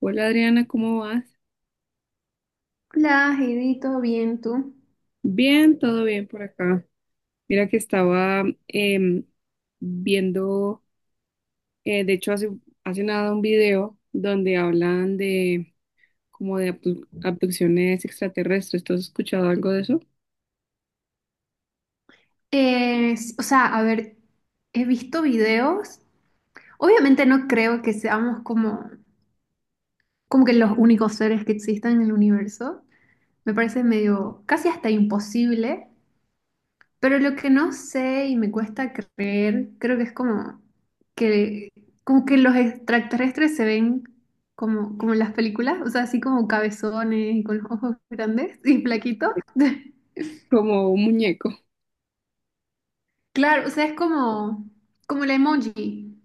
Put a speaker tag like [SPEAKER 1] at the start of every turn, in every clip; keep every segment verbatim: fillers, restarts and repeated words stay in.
[SPEAKER 1] Hola, Adriana, ¿cómo vas?
[SPEAKER 2] Hola, Heidi, ¿todo bien tú?
[SPEAKER 1] Bien, todo bien por acá. Mira que estaba em, viendo, eh, de hecho hace, hace nada un video donde hablan de como de abdu- abducciones extraterrestres. ¿Tú has escuchado algo de eso?
[SPEAKER 2] Eh, s- o sea, a ver, he visto videos. Obviamente no creo que seamos como, como que los únicos seres que existan en el universo. Me parece medio, casi hasta imposible. Pero lo que no sé y me cuesta creer, creo que es como que, como que los extraterrestres se ven como, como en las películas. O sea, así como cabezones y con los ojos grandes y plaquitos.
[SPEAKER 1] Como un muñeco.
[SPEAKER 2] Claro, o sea, es como, como el emoji.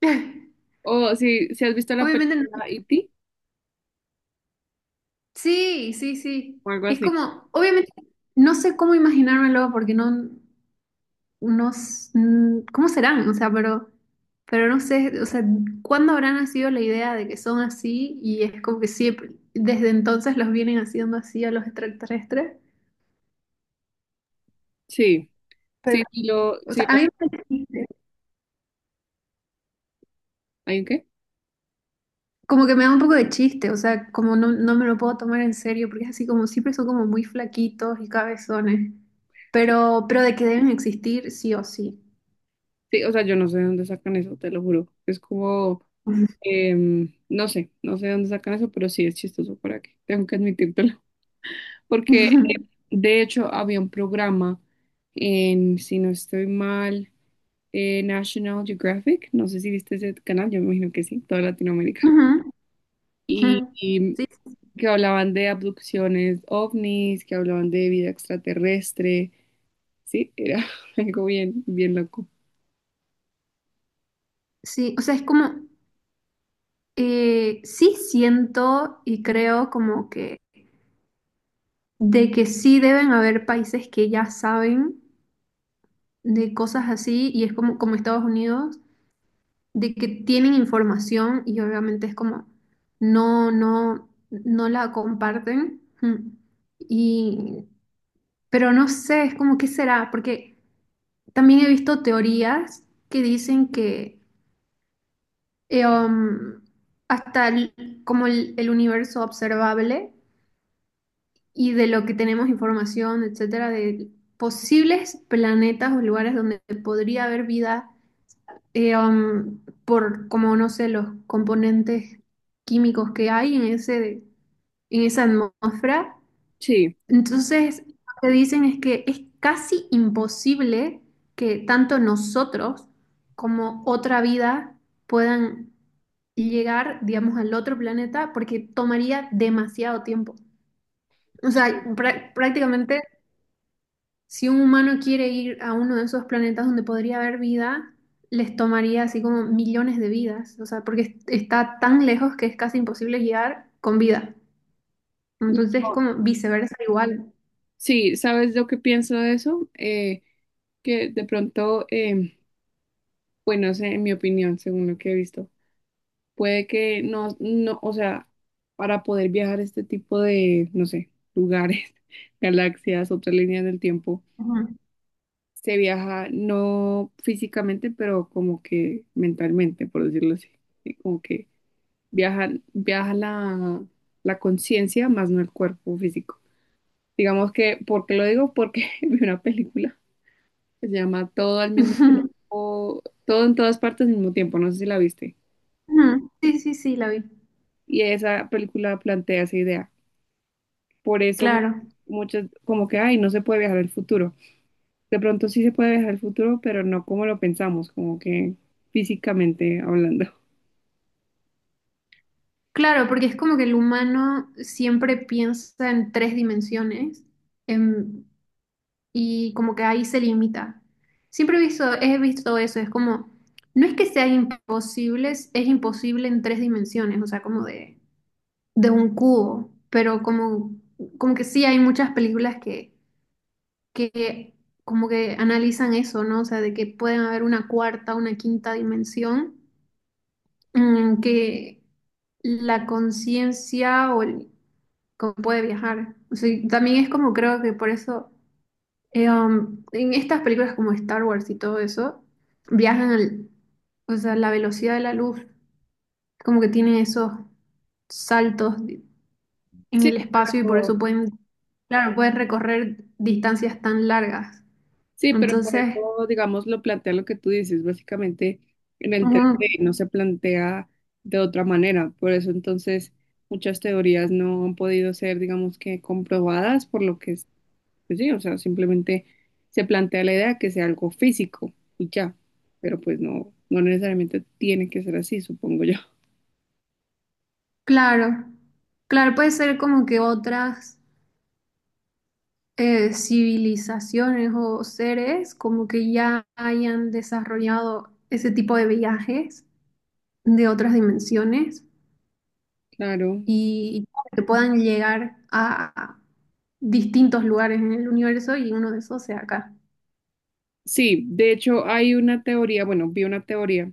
[SPEAKER 1] O si, si has visto la
[SPEAKER 2] Obviamente, no-
[SPEAKER 1] película E T
[SPEAKER 2] sí, sí, sí.
[SPEAKER 1] o algo
[SPEAKER 2] Es
[SPEAKER 1] así.
[SPEAKER 2] como, obviamente, no sé cómo imaginármelo porque no, no, s- mm, ¿cómo serán? O sea, pero, pero no sé, o sea, ¿cuándo habrá nacido la idea de que son así? Y es como que siempre, desde entonces los vienen haciendo así a los extraterrestres.
[SPEAKER 1] Sí,
[SPEAKER 2] Pero,
[SPEAKER 1] sí, sí lo,
[SPEAKER 2] o
[SPEAKER 1] sí
[SPEAKER 2] sea, a
[SPEAKER 1] lo-
[SPEAKER 2] mí me parece,
[SPEAKER 1] ¿Hay un qué?
[SPEAKER 2] como que me da un poco de chiste, o sea, como no, no me lo puedo tomar en serio, porque es así como siempre son como muy flaquitos y cabezones, pero, pero de que deben existir sí o sí.
[SPEAKER 1] Sí, o sea, yo no sé de dónde sacan eso, te lo juro. Es como Em, no sé, no sé de dónde sacan eso, pero sí es chistoso para que tengo que admitírtelo. Porque eh, de hecho había un programa en, si no estoy mal, eh, National Geographic, no sé si viste ese canal, yo me imagino que sí, toda Latinoamérica.
[SPEAKER 2] Ujú, ujú.
[SPEAKER 1] Y, y
[SPEAKER 2] Sí,
[SPEAKER 1] que hablaban de abducciones ovnis, que hablaban de vida extraterrestre, sí, era algo bien, bien loco.
[SPEAKER 2] sí, o sea, es como, eh, sí siento y creo como que de que sí deben haber países que ya saben de cosas así y es como, como Estados Unidos, de que tienen información y obviamente es como no, no, no la comparten. Mm. Y, pero no sé, es como qué será, porque también he visto teorías que dicen que eh, um, hasta el- como el, el universo observable y de lo que tenemos información, etcétera, de posibles planetas o lugares donde podría haber vida, eh, um, por como no sé, los componentes químicos que hay en ese, en esa atmósfera.
[SPEAKER 1] Sí,
[SPEAKER 2] Entonces, lo que dicen es que es casi imposible que tanto nosotros como otra vida puedan llegar, digamos, al otro planeta porque tomaría demasiado tiempo. O sea,
[SPEAKER 1] sí.
[SPEAKER 2] prá- prácticamente si un humano quiere ir a uno de esos planetas donde podría haber vida, les tomaría así como millones de vidas, o sea, porque es- está tan lejos que es casi imposible llegar con vida. Entonces,
[SPEAKER 1] No.
[SPEAKER 2] como viceversa igual.
[SPEAKER 1] Sí, ¿sabes lo que pienso de eso? Eh, que de pronto, em, pues no sé, en mi opinión, según lo que he visto, puede que no, no, o sea, para poder viajar a este tipo de, no sé, lugares, galaxias, otras líneas del tiempo,
[SPEAKER 2] Ujú.
[SPEAKER 1] se viaja no físicamente, pero como que mentalmente, por decirlo así, ¿sí? Como que viaja, viaja la, la conciencia más no el cuerpo físico. Digamos que, ¿por qué lo digo? Porque vi una película que se llama Todo al mismo tiempo, todo en todas partes al mismo tiempo, no sé si la viste.
[SPEAKER 2] Ujú. Sí, sí, sí, la vi.
[SPEAKER 1] Y esa película plantea esa idea. Por eso mu-
[SPEAKER 2] Claro,
[SPEAKER 1] muchas, como que, ay, no se puede viajar al futuro. De pronto sí se puede viajar al futuro, pero no como lo pensamos, como que físicamente hablando.
[SPEAKER 2] claro, porque es como que el humano siempre piensa en tres dimensiones, y como que ahí se limita. Siempre he visto, he visto eso, es como, no es que sea imposibles, es es imposible en tres dimensiones, o sea, como de, de un cubo, pero como, como que sí hay muchas películas que, que como que analizan eso, ¿no? O sea, de que pueden haber una cuarta, una quinta dimensión, mm, que la conciencia o el- como puede viajar. O sea, y también es como creo que por eso. Eh, um, en estas películas como Star Wars y todo eso, viajan al, o sea, la velocidad de la luz, como que tienen esos saltos di- en
[SPEAKER 1] Sí,
[SPEAKER 2] el espacio y por
[SPEAKER 1] pero,
[SPEAKER 2] eso pueden, claro, pueden recorrer distancias tan largas.
[SPEAKER 1] sí, pero por
[SPEAKER 2] Entonces,
[SPEAKER 1] eso, digamos, lo plantea lo que tú dices, básicamente en el tres D
[SPEAKER 2] ujú,
[SPEAKER 1] no se plantea de otra manera. Por eso entonces muchas teorías no han podido ser, digamos que, comprobadas, por lo que pues sí, o sea, simplemente se plantea la idea que sea algo físico y ya, pero pues no, no necesariamente tiene que ser así, supongo yo.
[SPEAKER 2] claro, claro, puede ser como que otras eh, civilizaciones o seres como que ya hayan desarrollado ese tipo de viajes de otras dimensiones,
[SPEAKER 1] Claro.
[SPEAKER 2] y que puedan llegar a distintos lugares en el universo y uno de esos sea acá.
[SPEAKER 1] Sí, de hecho hay una teoría, bueno, vi una teoría,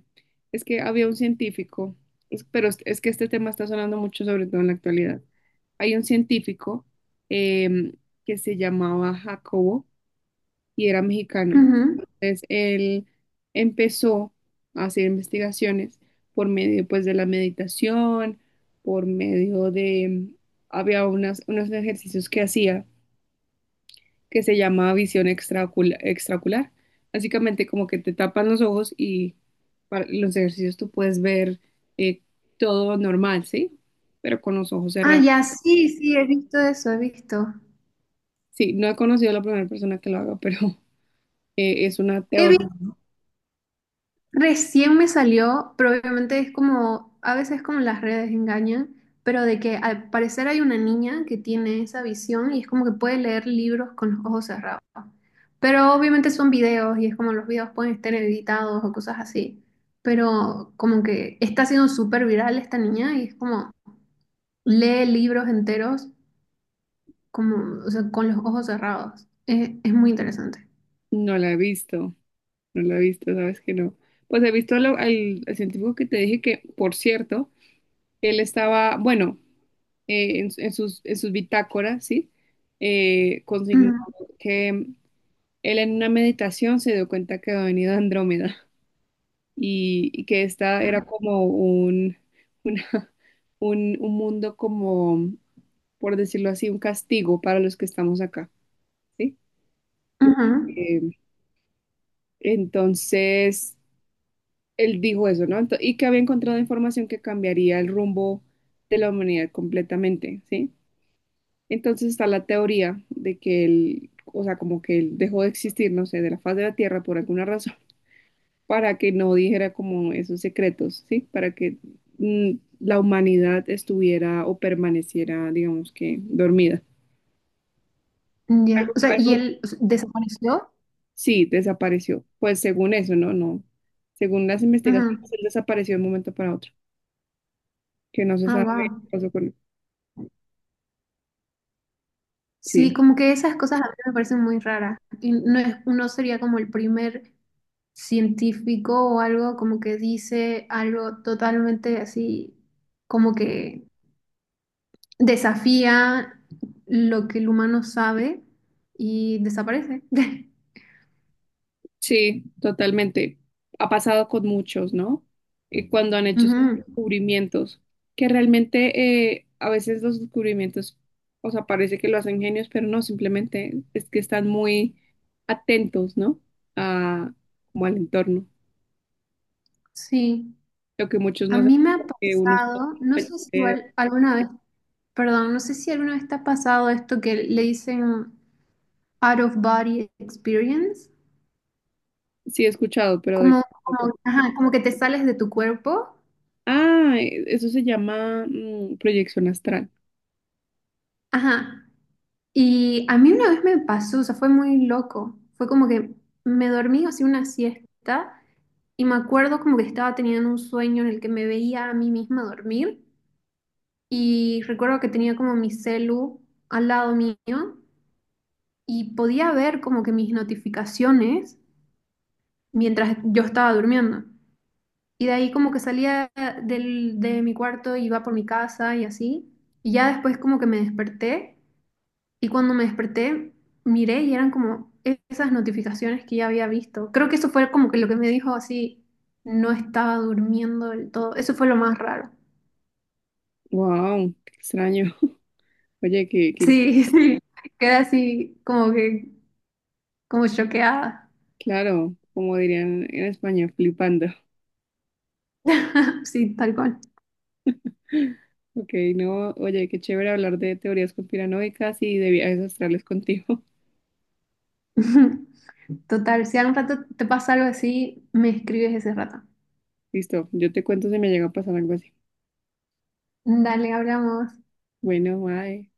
[SPEAKER 1] es que había un científico, es- pero es, es que este tema está sonando mucho, sobre todo en la actualidad. Hay un científico em, que se llamaba Jacobo y era mexicano.
[SPEAKER 2] Ujú.
[SPEAKER 1] Entonces, él empezó a hacer investigaciones por medio, pues, de la meditación, por medio de, había unas, unos ejercicios que hacía que se llamaba visión extraocula- extraocular. Básicamente, como que te tapan los ojos y para los ejercicios tú puedes ver eh, todo normal, ¿sí? Pero con los ojos
[SPEAKER 2] Ah,
[SPEAKER 1] cerrados.
[SPEAKER 2] ya, sí, sí, he visto eso, he visto.
[SPEAKER 1] Sí, no he conocido a la primera persona que lo haga, pero eh, es una
[SPEAKER 2] He
[SPEAKER 1] teoría,
[SPEAKER 2] visto recién me salió, pero obviamente es como, a veces como las redes engañan, pero de que al parecer hay una niña que tiene esa visión y es como que puede leer libros con los ojos cerrados. Pero obviamente son videos y es como los videos pueden estar editados o cosas así. Pero como que está siendo súper viral esta niña y es como lee libros enteros como, o sea, con los ojos cerrados. Es, es muy interesante.
[SPEAKER 1] no la he visto. No la he visto, sabes que no. Pues he visto lo- al, al científico que te dije que, por cierto, él estaba, bueno, eh, en, en sus, en sus bitácoras, ¿sí? Eh, consignó
[SPEAKER 2] Ujú,
[SPEAKER 1] que él en una meditación se dio cuenta que había venido Andrómeda y, y que esta era como un, una- un, un mundo como, por decirlo así, un castigo para los que estamos acá, ¿sí?
[SPEAKER 2] ujú.
[SPEAKER 1] Eh, entonces él dijo eso, ¿no? Ento- y que había encontrado información que cambiaría el rumbo de la humanidad completamente, ¿sí? Entonces está la teoría de que él, o sea, como que él dejó de existir, no sé, de la faz de la Tierra por alguna razón, para que no dijera como esos secretos, ¿sí? Para que mm, la humanidad estuviera o permaneciera, digamos que, dormida. Algo,
[SPEAKER 2] Ya. O sea, y
[SPEAKER 1] algo-
[SPEAKER 2] él o sea, desapareció.
[SPEAKER 1] sí, desapareció. Pues según eso, ¿no? No. Según las investigaciones,
[SPEAKER 2] Ujú.
[SPEAKER 1] él desapareció de un momento para otro, que no se
[SPEAKER 2] Ah,
[SPEAKER 1] sabe qué
[SPEAKER 2] wow.
[SPEAKER 1] pasó con él.
[SPEAKER 2] Sí,
[SPEAKER 1] Sí.
[SPEAKER 2] como que esas cosas a mí me parecen muy raras. Y no es, no sería como el primer científico o algo como que dice algo totalmente así, como que desafía lo que el humano sabe y desaparece.
[SPEAKER 1] Sí, totalmente. Ha pasado con muchos, ¿no? Y cuando han hecho esos
[SPEAKER 2] Ujú.
[SPEAKER 1] descubrimientos, que realmente, eh, a veces los descubrimientos, o sea, parece que lo hacen genios, pero no, simplemente es que están muy atentos, ¿no? A, como al entorno.
[SPEAKER 2] Sí,
[SPEAKER 1] Lo que muchos
[SPEAKER 2] a
[SPEAKER 1] no saben,
[SPEAKER 2] mí me ha
[SPEAKER 1] porque uno está
[SPEAKER 2] pasado, no sé si
[SPEAKER 1] pendiente.
[SPEAKER 2] igual alguna vez, perdón, no sé si alguna vez te ha pasado esto que le dicen out of body experience.
[SPEAKER 1] Sí, he escuchado, pero de...
[SPEAKER 2] Como, como, ajá, como que te sales de tu cuerpo.
[SPEAKER 1] Ah, e- eso se llama mm, proyección astral.
[SPEAKER 2] Ajá. Y a mí una vez me pasó, o sea, fue muy loco. Fue como que me dormí, hacía una siesta y me acuerdo como que estaba teniendo un sueño en el que me veía a mí misma dormir y recuerdo que tenía como mi celu al lado mío y podía ver como que mis notificaciones mientras yo estaba durmiendo. Y de ahí como que salía del, de mi cuarto, iba por mi casa y así. Y ya después como que me desperté. Y cuando me desperté, miré y eran como esas notificaciones que ya había visto. Creo que eso fue como que lo que me dijo así, no estaba durmiendo del todo. Eso fue lo más raro.
[SPEAKER 1] Wow, qué extraño. Oye, qué, qué.
[SPEAKER 2] Sí, sí, quedé así como que, como choqueada.
[SPEAKER 1] Claro, como dirían en España, flipando.
[SPEAKER 2] Sí, tal cual.
[SPEAKER 1] Ok, no, oye, qué chévere hablar de teorías conspiranoicas y de viajes astrales contigo.
[SPEAKER 2] Total, si algún rato te pasa algo así, me escribes ese rato.
[SPEAKER 1] Listo, yo te cuento si me llega a pasar algo así.
[SPEAKER 2] Dale, hablamos.
[SPEAKER 1] Bueno, bye.